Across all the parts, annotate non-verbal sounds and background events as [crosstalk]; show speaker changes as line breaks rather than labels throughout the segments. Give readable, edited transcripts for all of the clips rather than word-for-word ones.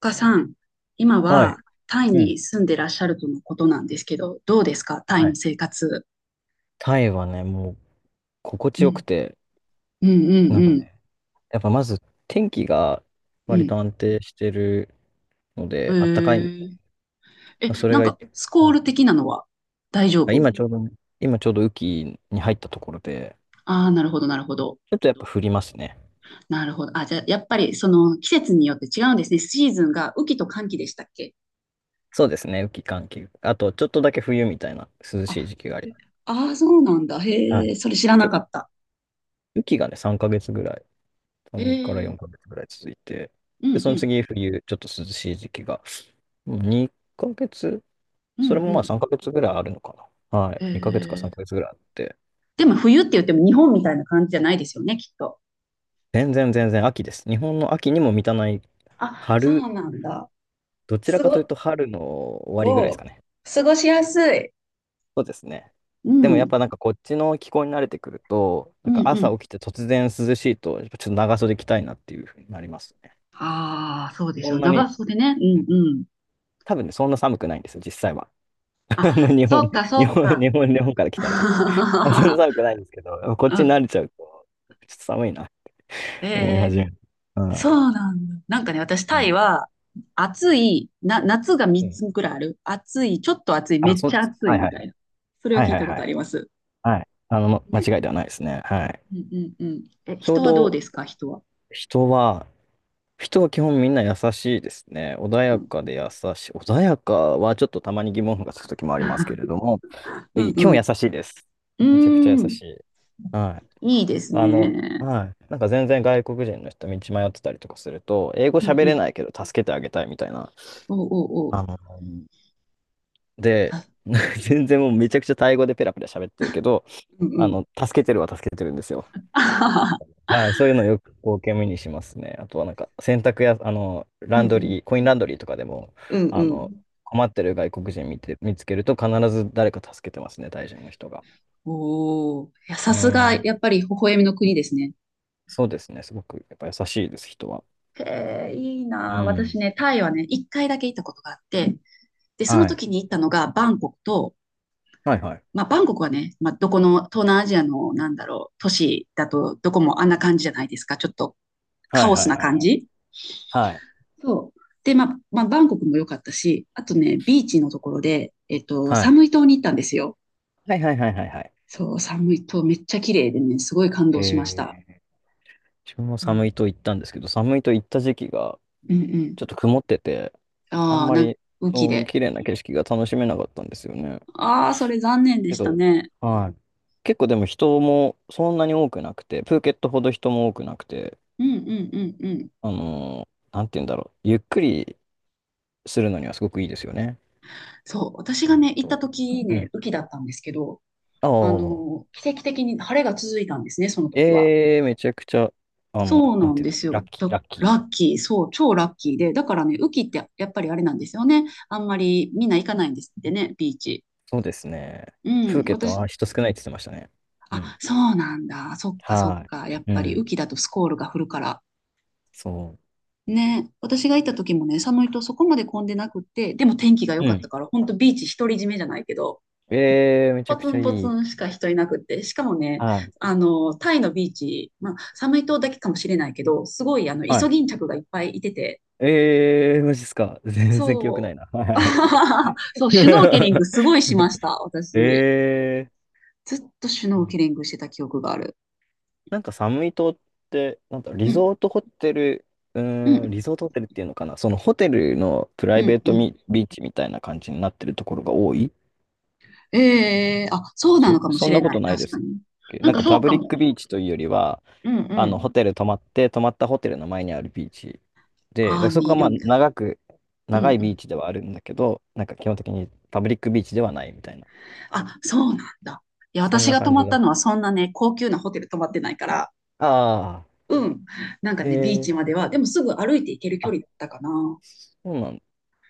岡さん、今
はい。
はタイ
うん。
に住んでらっしゃるとのことなんですけど、どうですかタイ
は
の
い。
生活？
タイはね、もう心
う
地よく
ん、
て、
うん、
なんか、
うん、
やっぱまず天気が
う
割
ん、
と安定してるの
うん。
で、あったかい
へえ。え、
の。それ
なん
がい、
か、ス
う
コー
ん。
ル的なのは大丈夫？
今ちょうどね、今ちょうど雨季に入ったところで、
ああー、なるほど、なるほど。
ちょっとやっぱ降りますね。
なるほど。あ、じゃあ、やっぱり、その、季節によって違うんですね。シーズンが雨季と乾季でしたっけ？
そうですね、雨季、寒季。あと、ちょっとだけ冬みたいな涼しい
あ、
時期があり
え
ます。
あー、そうなんだ。
は
へ
い。
え、それ知ら
ち
な
ょ、
かった。
雨季がね、3ヶ月ぐらい、
へ
3から
え、
4ヶ月ぐらい続いて、
うん、
で、そ
う
の
ん、
次冬、ちょっと涼しい時期が、2ヶ月、
うん、
それ
う
もまあ
ん。
3ヶ月ぐらいあるのかな。はい。
へ
2ヶ月か
え。
3ヶ月ぐらいあって。
でも、冬って言っても日本みたいな感じじゃないですよね、きっと。
全然全然秋です。日本の秋にも満たない
あ、そ
春、
うなんだ。
どちら
す
かという
ご、
と春の終わりぐらいで
お
す
う、
かね。
過ごしやすい。
そうですね。
う
でもやっ
ん、
ぱなんかこっちの気候に慣れてくると、なん
うん、
か
う
朝
ん。
起きて突然涼しいと、やっぱちょっと長袖着たいなっていうふうになりますね。
ああ、そうでし
そ
ょう。
んな
長
に、
袖ね。うん、うん。
多分ね、そんな寒くないんですよ、実際は。[laughs] あの
あ、
日本、
そっか、そ
日
っ
本、
か。
日本、日本から来たら。あそんな
[laughs]
寒くないんですけど、こっ
う
ちに
ん。
慣れちゃうと、ちょっと寒いな、
へ
思い
え、
始める。は
そ
い。
うなんだ。なんかね、私、
う
タ
ん。
イは、暑い、な、夏が3つぐらいある。暑い、ちょっと暑い、め
あ、
っ
そう
ち
で
ゃ
す。
暑
はい
い
は
み
い
た
は
い
い。
な。それは
はい
聞
は
い
い
たこ
は
とあ
い。
ります。
はい。あの、ま
ね。
間違いではないですね。はい。
うん、うん、うん。え、
ちょう
人はどう
ど
ですか、人は？
人は、人は基本みんな優しいですね。穏
う
や
ん。
かで優しい。穏やかはちょっとたまに疑問符がつくときもありますけ
[laughs]
れども、
う
い
ん、
基
う
本優
ん。
しいです。
う
めちゃくちゃ優
ーん、
しい。はい。
いいです
あの、
ね。
はい。なんか全然外国人の人道迷ってたりとかすると、英語
うん
喋
う
れ
ん。
ないけど助けてあげたいみたいな。
おうおうおう。
あの、で、
あ、
[laughs] 全然もうめちゃくちゃタイ語でペラペラ喋ってるけど、
うん
あ
うん。
の、助けてるは助けてるんですよ。
[laughs] あはは
はい、そういうのよく光景目にしますね。あとはなんか洗濯や、あの、
う
ラ
んう
ンド
ん。
リー、コインランドリーとかでも、
うんう
あの、
ん。
困ってる外国人見つけると必ず誰か助けてますね、タイ人の人が。
おお。いや、さ
う
すが、
ん、
やっぱり微笑みの国ですね。
そうですね。すごくやっぱ優しいです、人は。
へえ、いい
う
なあ。私
ん。
ね、タイはね、一回だけ行ったことがあって、で、その
はい。
時に行ったのがバンコクと、
はいはい。
まあ、バンコクはね、まあ、どこの東南アジアの、なんだろう、都市だと、どこもあんな感じじゃないですか。ちょっと
は
カ
い
オ
は
ス
い
な
はい
感
はい。
じ。
はい。
そう。で、まあ、まあ、バンコクも良かったし、あとね、ビーチのところで、サムイ島に行ったんですよ。
はいはいはいはいはい。
そう、寒いとめっちゃ綺麗でね、すごい感動しまし
え
た。
ー、自分も
う
寒
ん。
いと行ったんですけど、寒いと行った時期が
うんうん。
ちょっと曇ってて、あん
ああ、
ま
なんか、
り、
雨季
うん、
で。
綺麗な景色が楽しめなかったんですよね。
ああ、それ残念で
け
した
ど、
ね。
はい。結構でも人もそんなに多くなくて、プーケットほど人も多くなくて、
うんうんうんうん。
あの、ーなんて言うんだろう。ゆっくりするのにはすごくいいですよね。
そう、私
そう
が
えっ
ね、行った
と。
時
う
ね、
ん。
雨季だったんですけど、
あ
あ
あ。
の、奇跡的に晴れが続いたんですね、その時は。
ええめちゃくちゃ、あの、
そう
な
な
ん
ん
て言うん
で
だっけ、
す
ラッ
よ。
キー、ラッキ
ラ
ー。
ッキー、そう、超ラッキーで。だからね、雨季ってやっぱりあれなんですよね。あんまりみんな行かないんですってね、ビーチ。
そうですね。
う
プー
ん、
ケット
私、
は人少ないって言ってましたね。う
あ、
ん。
そうなんだ。そっかそっ
は
か。やっ
い。う
ぱり雨
ん。
季だとスコールが降るから。
そ
ね、私が行った時もね、寒いとそこまで混んでなくって、でも天気が良
う。う
かった
ん。
から、ほんとビーチ独り占めじゃないけど、
ええめち
ポ
ゃく
ツ
ちゃ
ンポツ
いい。
ンしか人いなくって、しかもね、
はい。
あの、タイのビーチ、まあ、寒い島だけかもしれないけど、すごい、あの、イ
は
ソ
い。
ギンチャクがいっぱいいてて、
ええマジっすか。全然記憶ない
そ
な。は
う。
い。
[laughs] そう、シュノーケリングすごいしました、
[laughs]
私。
ええ
ずっとシュ
そ
ノーケ
う。
リングしてた記憶がある。
なんかサムイ島って、なんだ、
う
リ
ん、
ゾートホテル、う
う
ーん、
ん、
リゾートホテルっていうのかな、そのホテルのプラ
う
イベ
ん、
ー
う
ト
ん。
ミビーチみたいな感じになってるところが多いで
ええーあ、そうなの
す。
かも
そ
し
ん
れ
なこ
な
と
い、
ない
確
で
か
す。
に。なん
なん
か
か
そ
パ
う
ブ
か
リッ
も。
クビーチというよりは、
うん、う
あの、
ん。
ホテル泊まって、泊まったホテルの前にあるビーチで、だか
あ
ら
あ、
そこ
に
が
い
まあ、
る
長く、
うん
長い
う
ビー
ん。
チではあるんだけど、なんか基本的にパブリックビーチではないみたいな、
あ、そうなんだ。いや、
そん
私
な
が泊
感
ま
じ
っ
だ。
たのはそんなね、高級なホテル泊まってないから、
ああ、
うん。なんかね、ビーチ
え
まで
え、
は、でもすぐ歩いて行ける距
あ、
離だ
そ
ったかな。
うなんだ。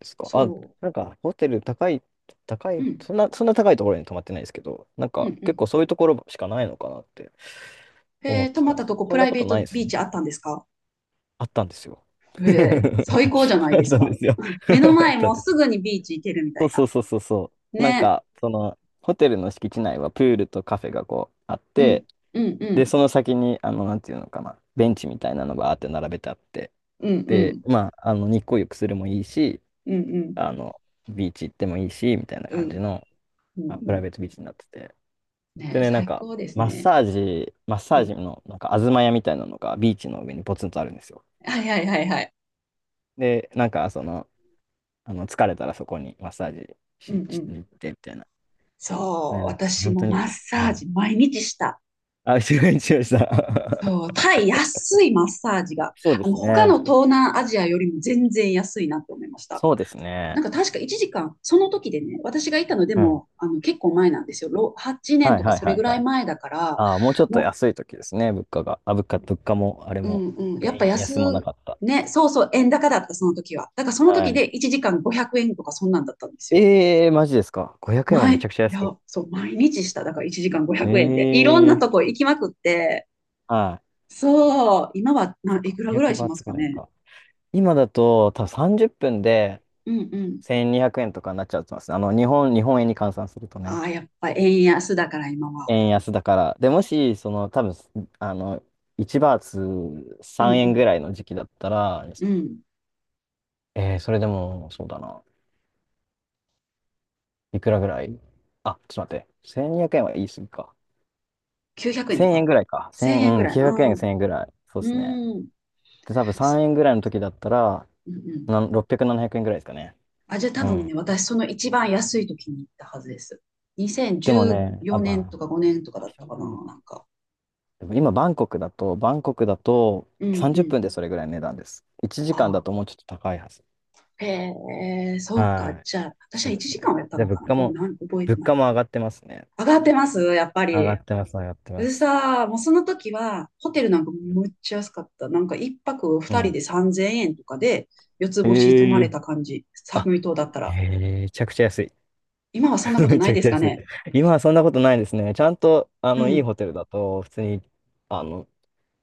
ですか。あ、
そ
なんか、ホテル高い、高
う。う
い、
ん。
そんな高いところに泊まってないですけど、なん
うん
か、
う
結
ん。
構そういうところしかないのかなって思っ
泊
て
まっ
たんで
た
す。
とこ
そ
プ
ん
ラ
な
イ
こ
ベ
と
ー
な
ト
いです
ビー
ね。
チあったんですか？
あったんですよ。
ええ、最
[laughs]
高じゃない
あっ
です
たんで
か。
すよ。
[laughs] 目の
[laughs] あっ
前
た
も
ん
う
です
す
よ。
ぐにビーチ行けるみた
そう
い
そ
な。
うそうそう。なん
ね。
か、その、ホテルの敷地内はプールとカフェがこうあっ
うん。
て、
うんう
で、
ん。
その先に、あの、なんていうのかな、ベンチみたいなのがあって並べてあって、
うんう
で、
ん。
まあ、あの、日光浴するもいいし、
うんうん。
あの、ビーチ行ってもいいし、みたいな
う
感じ
ん
の、
うん。
まあ、プ
う
ライ
ん
ベートビーチになってて。
ね
で
え、
ね、なん
最
か、
高です
マッ
ね。
サージ、マッサ
う
ージ
ん。
の、なんか、東屋みたいなのがビーチの上にポツンとあるんですよ。
はいはいはいはい。
で、なんか、その、あの疲れたらそこにマッサージ
うん
し、
う
し
ん。
に行ってみたいな。
そう、
ね、なんか、
私
本
も
当に。
マッサ
は
ージ
い。
毎日した。
あ、一応、一応した。
そ
[laughs]
う、タイ安いマッサージが、
そうで
あの、
す
他の
ね。
東南アジアよりも全然安いなって思いました。
そうです
な
ね。
んか確か1時間、その時でね、私がいたので
うん。
も、あの、結構前なんですよ。8年
はい
とか
はい
それ
は
ぐ
い
ら
は
い
い。
前だから、
ああ、もうちょっと
も
安い時ですね、物価が。あ、物価も、あれ
う、う
も、
んうん、やっ
円
ぱ安、
安もなかった。
ね、そうそう、円高だった、その時は。だからその
は
時で
い。
1時間500円とかそんなんだったんですよ。
ええー、マジですか。500円はめ
い
ちゃくちゃ安い。
や、そう、毎日した。だから1時間500円で。いろん
ええ
なと
ー、
こ行きまくって、
はい。
そう、今はな、
そう
い
か、
くらぐらい
200
し
バー
ます
ツ
か
ぐらい
ね。
か。今だと、多分30分で
うんうん。
1200円とかになっちゃうと思いますね。あの、日本円に換算すると
あ
ね。
あ、やっぱ円安だから今は。
円安だから。で、もし、その、多分、あの、1バーツ
う
3円ぐ
ん
らいの時期だったら、
うん。うん。
えー、それでも、そうだな。いくらぐらい、あ、ちょっと待って。1200円は言い過ぎか。
900円と
1000円
か
ぐらいか。
?1000 円
1000、
ぐ
うん、
らい。
900
う
円、
ん。
1000円ぐらい。そうですね。
うん。
で、多分
そ
3円ぐらいの時だったら、
うんうん。
なん600、700円ぐらいですかね。
あ、じゃあ多
う
分
ん。
ね、私その一番安い時に行ったはずです。
でも
2014
ね、あ、ま
年とか5年とか
あ、場
だっ
所
たか
なの
な、
か、
なんか。
でも今、バンコクだと
うん
30
うん。
分でそれぐらいの値段です。1
あ
時間だ
あ。
ともうちょっと高いはず。
へえ、そうか。
はい。
じゃあ、私
そ
は
うで
1
す
時
ね。
間はやった
で、
の
物
かな。
価
どう、
も、
なん、覚えて
物
な
価
い。
も上がってますね。
上がってますやっぱ
上が
り。
ってます、上がってま
で
す。
さー、もうその時は、ホテルなんかむっちゃ安かった。なんか一泊
う
二人
ん。
で3000円とかで、四つ星泊
え
まれ
え。
た感じ。
あ、
寒い島だったら。
え、めちゃくちゃ安い。
今はそんなこ
[laughs]
と
め
な
ち
い
ゃく
で
ち
す
ゃ
か
安い。
ね。
今はそんなことないですね。ちゃんと、あ
う
の、いい
ん。
ホテルだと、普通に、あの、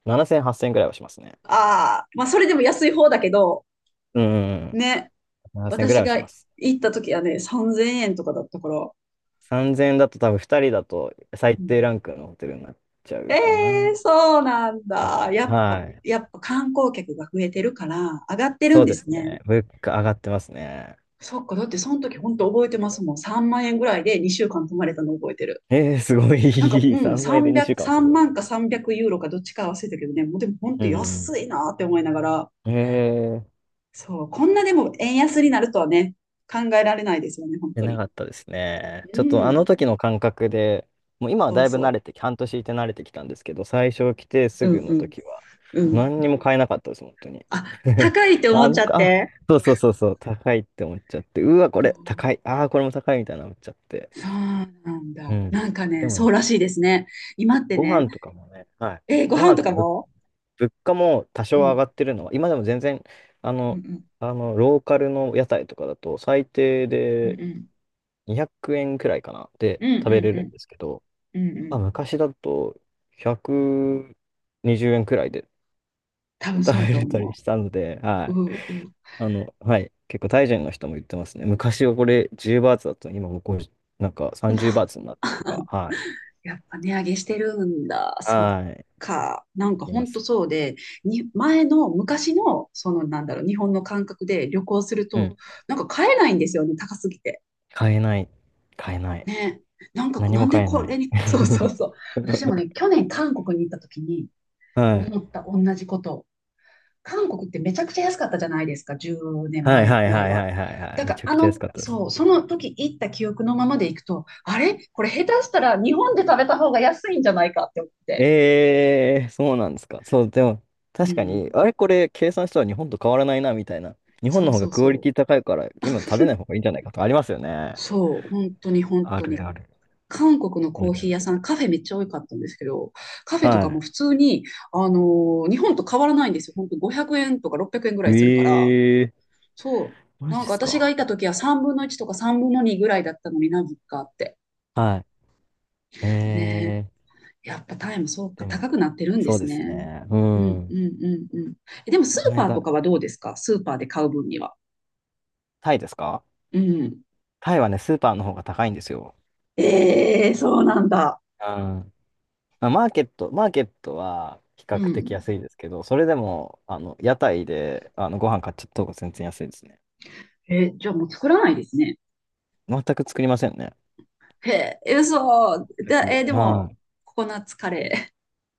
7000、8000ぐらいはしますね。
ああ、まあそれでも安い方だけど、
うんうんうん。
ね。
7000ぐら
私
いは
が
します。
行った時はね、3000円とかだったから。
3000だと多分2人だと最
う
低
ん、
ランクのホテルになっちゃ
え
うか
え
な。
ー、そうなん
多分、
だ。やっ
は
ぱ、
い。
やっぱ観光客が増えてるから、上がってる
そ
ん
う
で
で
す
す
ね。
ね。物価上がってますね。
そっか、だってその時本当覚えてますもん。3万円ぐらいで2週間泊まれたの覚えてる。
えー、すご
なんか、
い。[laughs]
うん、
3倍で2週
300、
間はす
3
ごい。
万か300ユーロかどっちか忘れたけどね、もうでも本
う
当安
ん。
いなって思いながら、
えー、
そう、こんなでも円安になるとはね、考えられないですよね、本
出
当
な
に。
かったですね。
う
ちょっとあの
ん、
時の感覚で、もう今は
そ
だ
う
いぶ慣
そ
れてき、半年いて慣れてきたんですけど、最初来てす
う。う
ぐの
ん
時は、
うんうん。
何にも買えなかったです、本当に。
あ、
[laughs]
高いって思
あ、な
っち
ん
ゃっ
か、あ、
て。
そうそうそうそう、高いって思っちゃって、うわ、こ
そ
れ高
う
い、ああ、これも高いみたいな思っちゃって。
そうなん
う
だ。
ん。
なんか
で
ね、
も
そう
ね、
らしいですね。今って
ご
ね、
飯とかもね、はい。
ご
ご
飯
飯
と
と
か
か
も
物価も多少
う
上
ん、
がってるのは、今でも全然、あ
うん、う
の、
ん、
あの、ローカルの屋台とかだと、最低
うん、
で
うん、
200円くえんくらいかな、で
うん、う
食べれ
ん、
るんです
う
けど、
ん、う
まあ、
ん、
昔だと120円くにじゅうえんくらいで
多分そ
食
うや
べ
と
れたり
思
したので、は
う。
い。
うん、うん。
あの、はい。結構、タイ人の人も言ってますね。昔はこれ10バーツだったのに、今もうこう、なんか30バーツになってるとか、はい。
やっぱ値上げしてるんだ。そっ
はい。
か。なん
あ
か
り
ほ
ま
んと
す。
そうで、前の昔の、そのなんだろう、日本の感覚で旅行する
う
と、
ん。
なんか買えないんですよね、高すぎて。
買えない。買えない。
ね。なんか、
何
な
も
んで
買え
こ
ない。
れに、そうそうそう。私もね、
[laughs]
去年韓国に行った時に
はい。
思った同じこと。韓国ってめちゃくちゃ安かったじゃないですか、10年
はい
前
は
ぐ
い
らい
はい
は。
はいはいはい。
だか
め
ら、
ちゃ
あ
くちゃ安
の、
かったです。
そう、その時行った記憶のままで行くと、あれこれ下手したら日本で食べた方が安いんじゃないかって思って。
えー、そうなんですか。そう、でも、
う
確かに、
ん、
あれこれ計算したら日本と変わらないな、みたいな。日本
そ
の
う
方
そ
が
う
クオリ
そう。
ティ高いから、今食べない方がいいんじゃないかとかありますよね。
そう、本当に本
あ
当に。
るある。
韓国の
あ
コー
る
ヒー屋さ
あ
ん、
る。
カフェめっちゃ多かったんですけど、カフェとかも
は
普通に、あの日本と変わらないんですよ。本当500円とか600円ぐら
い。
いするから、
えー、
そ
マ
う、
ジ
なん
っ
か
す
私が
か。
いた時は3分の1とか3分の2ぐらいだったのになぜかって。
はい。
ね
えー
え、やっぱタイもそうか、
でも、
高くなってるんで
そう
す
です
ね。
ね。う
うんう
ん。
んうんうん。えでもス
こ
ー
の
パー
間、
とかはどうですか？スーパーで買う分には。
タイですか。
うん。
タイはね、スーパーの方が高いんですよ。
ええそうなんだ。
ー、ん、まあマーケットは比
う
較的
ん。
安いですけど、それでも、あの、屋台で、あの、ご飯買っちゃった方が全然安いですね。
じゃあもう作らないですね。
全く作りませんね。
へえ、嘘。
全
だ、えー
く、
でも、
はい。
ココナッツカレー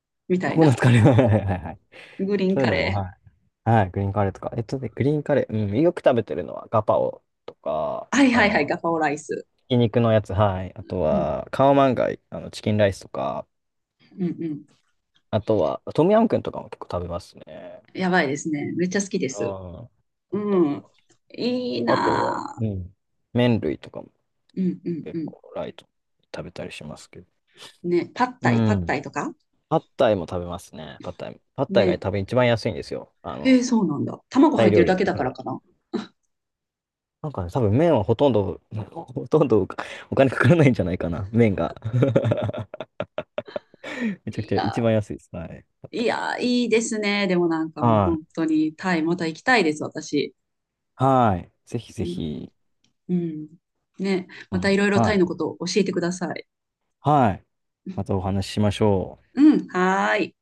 [laughs] み
コ
たい
コナッ
な。
ツカレーは、いはいはいはい。
グリーン
そうい
カ
うのも、
レ
はい。はい、グリーンカレーとか。えっとね、グリーンカレー、うん、よく食べてるのはガパオとか、
ー。はい
あ
はいはい、
の、
ガパオライス。
ひき肉のやつ、はい。あと
うん、
は、カオマンガイ、あの、チキンライスとか、
うん、うん。
あとは、トムヤムクンとかも結構食べますね。
やばいですね。めっちゃ好きで
うん。
す。
よ
う
く食べ
ん。
ます。
いい
あとは、
なぁ
うん。麺類とかも。
うん、うん、
結
う
構ライトに食べたりしますけど。
ん。ね、パッ
う
タイ、パッタ
ん。
イとか
パッタイも食べますね。パッタイ。パッタイが
ね。
多分一番安いんですよ。あ
へ
の、
え、そうなんだ。卵
タ
入
イ
って
料
る
理
だ
の
けだ
中
から
で。
かな。
なんかね、多分麺はほとんど、[laughs] ほとんどお金かからないんじゃないかな。麺が。[laughs] めちゃく
い
ちゃ
や、
一番安いです。はい。パッ
い
タイ、
や、いいですね。でもなんかもう
は
本
い。
当にタイ、また行きたいです、私。
はい。ぜひ
う
ぜ
ん、
ひ。
うん。ね、
う
ま
ん、
たいろいろタ
は
イのこ
い。
とを教えてください。
はい。またお話ししましょう。
うん、はーい。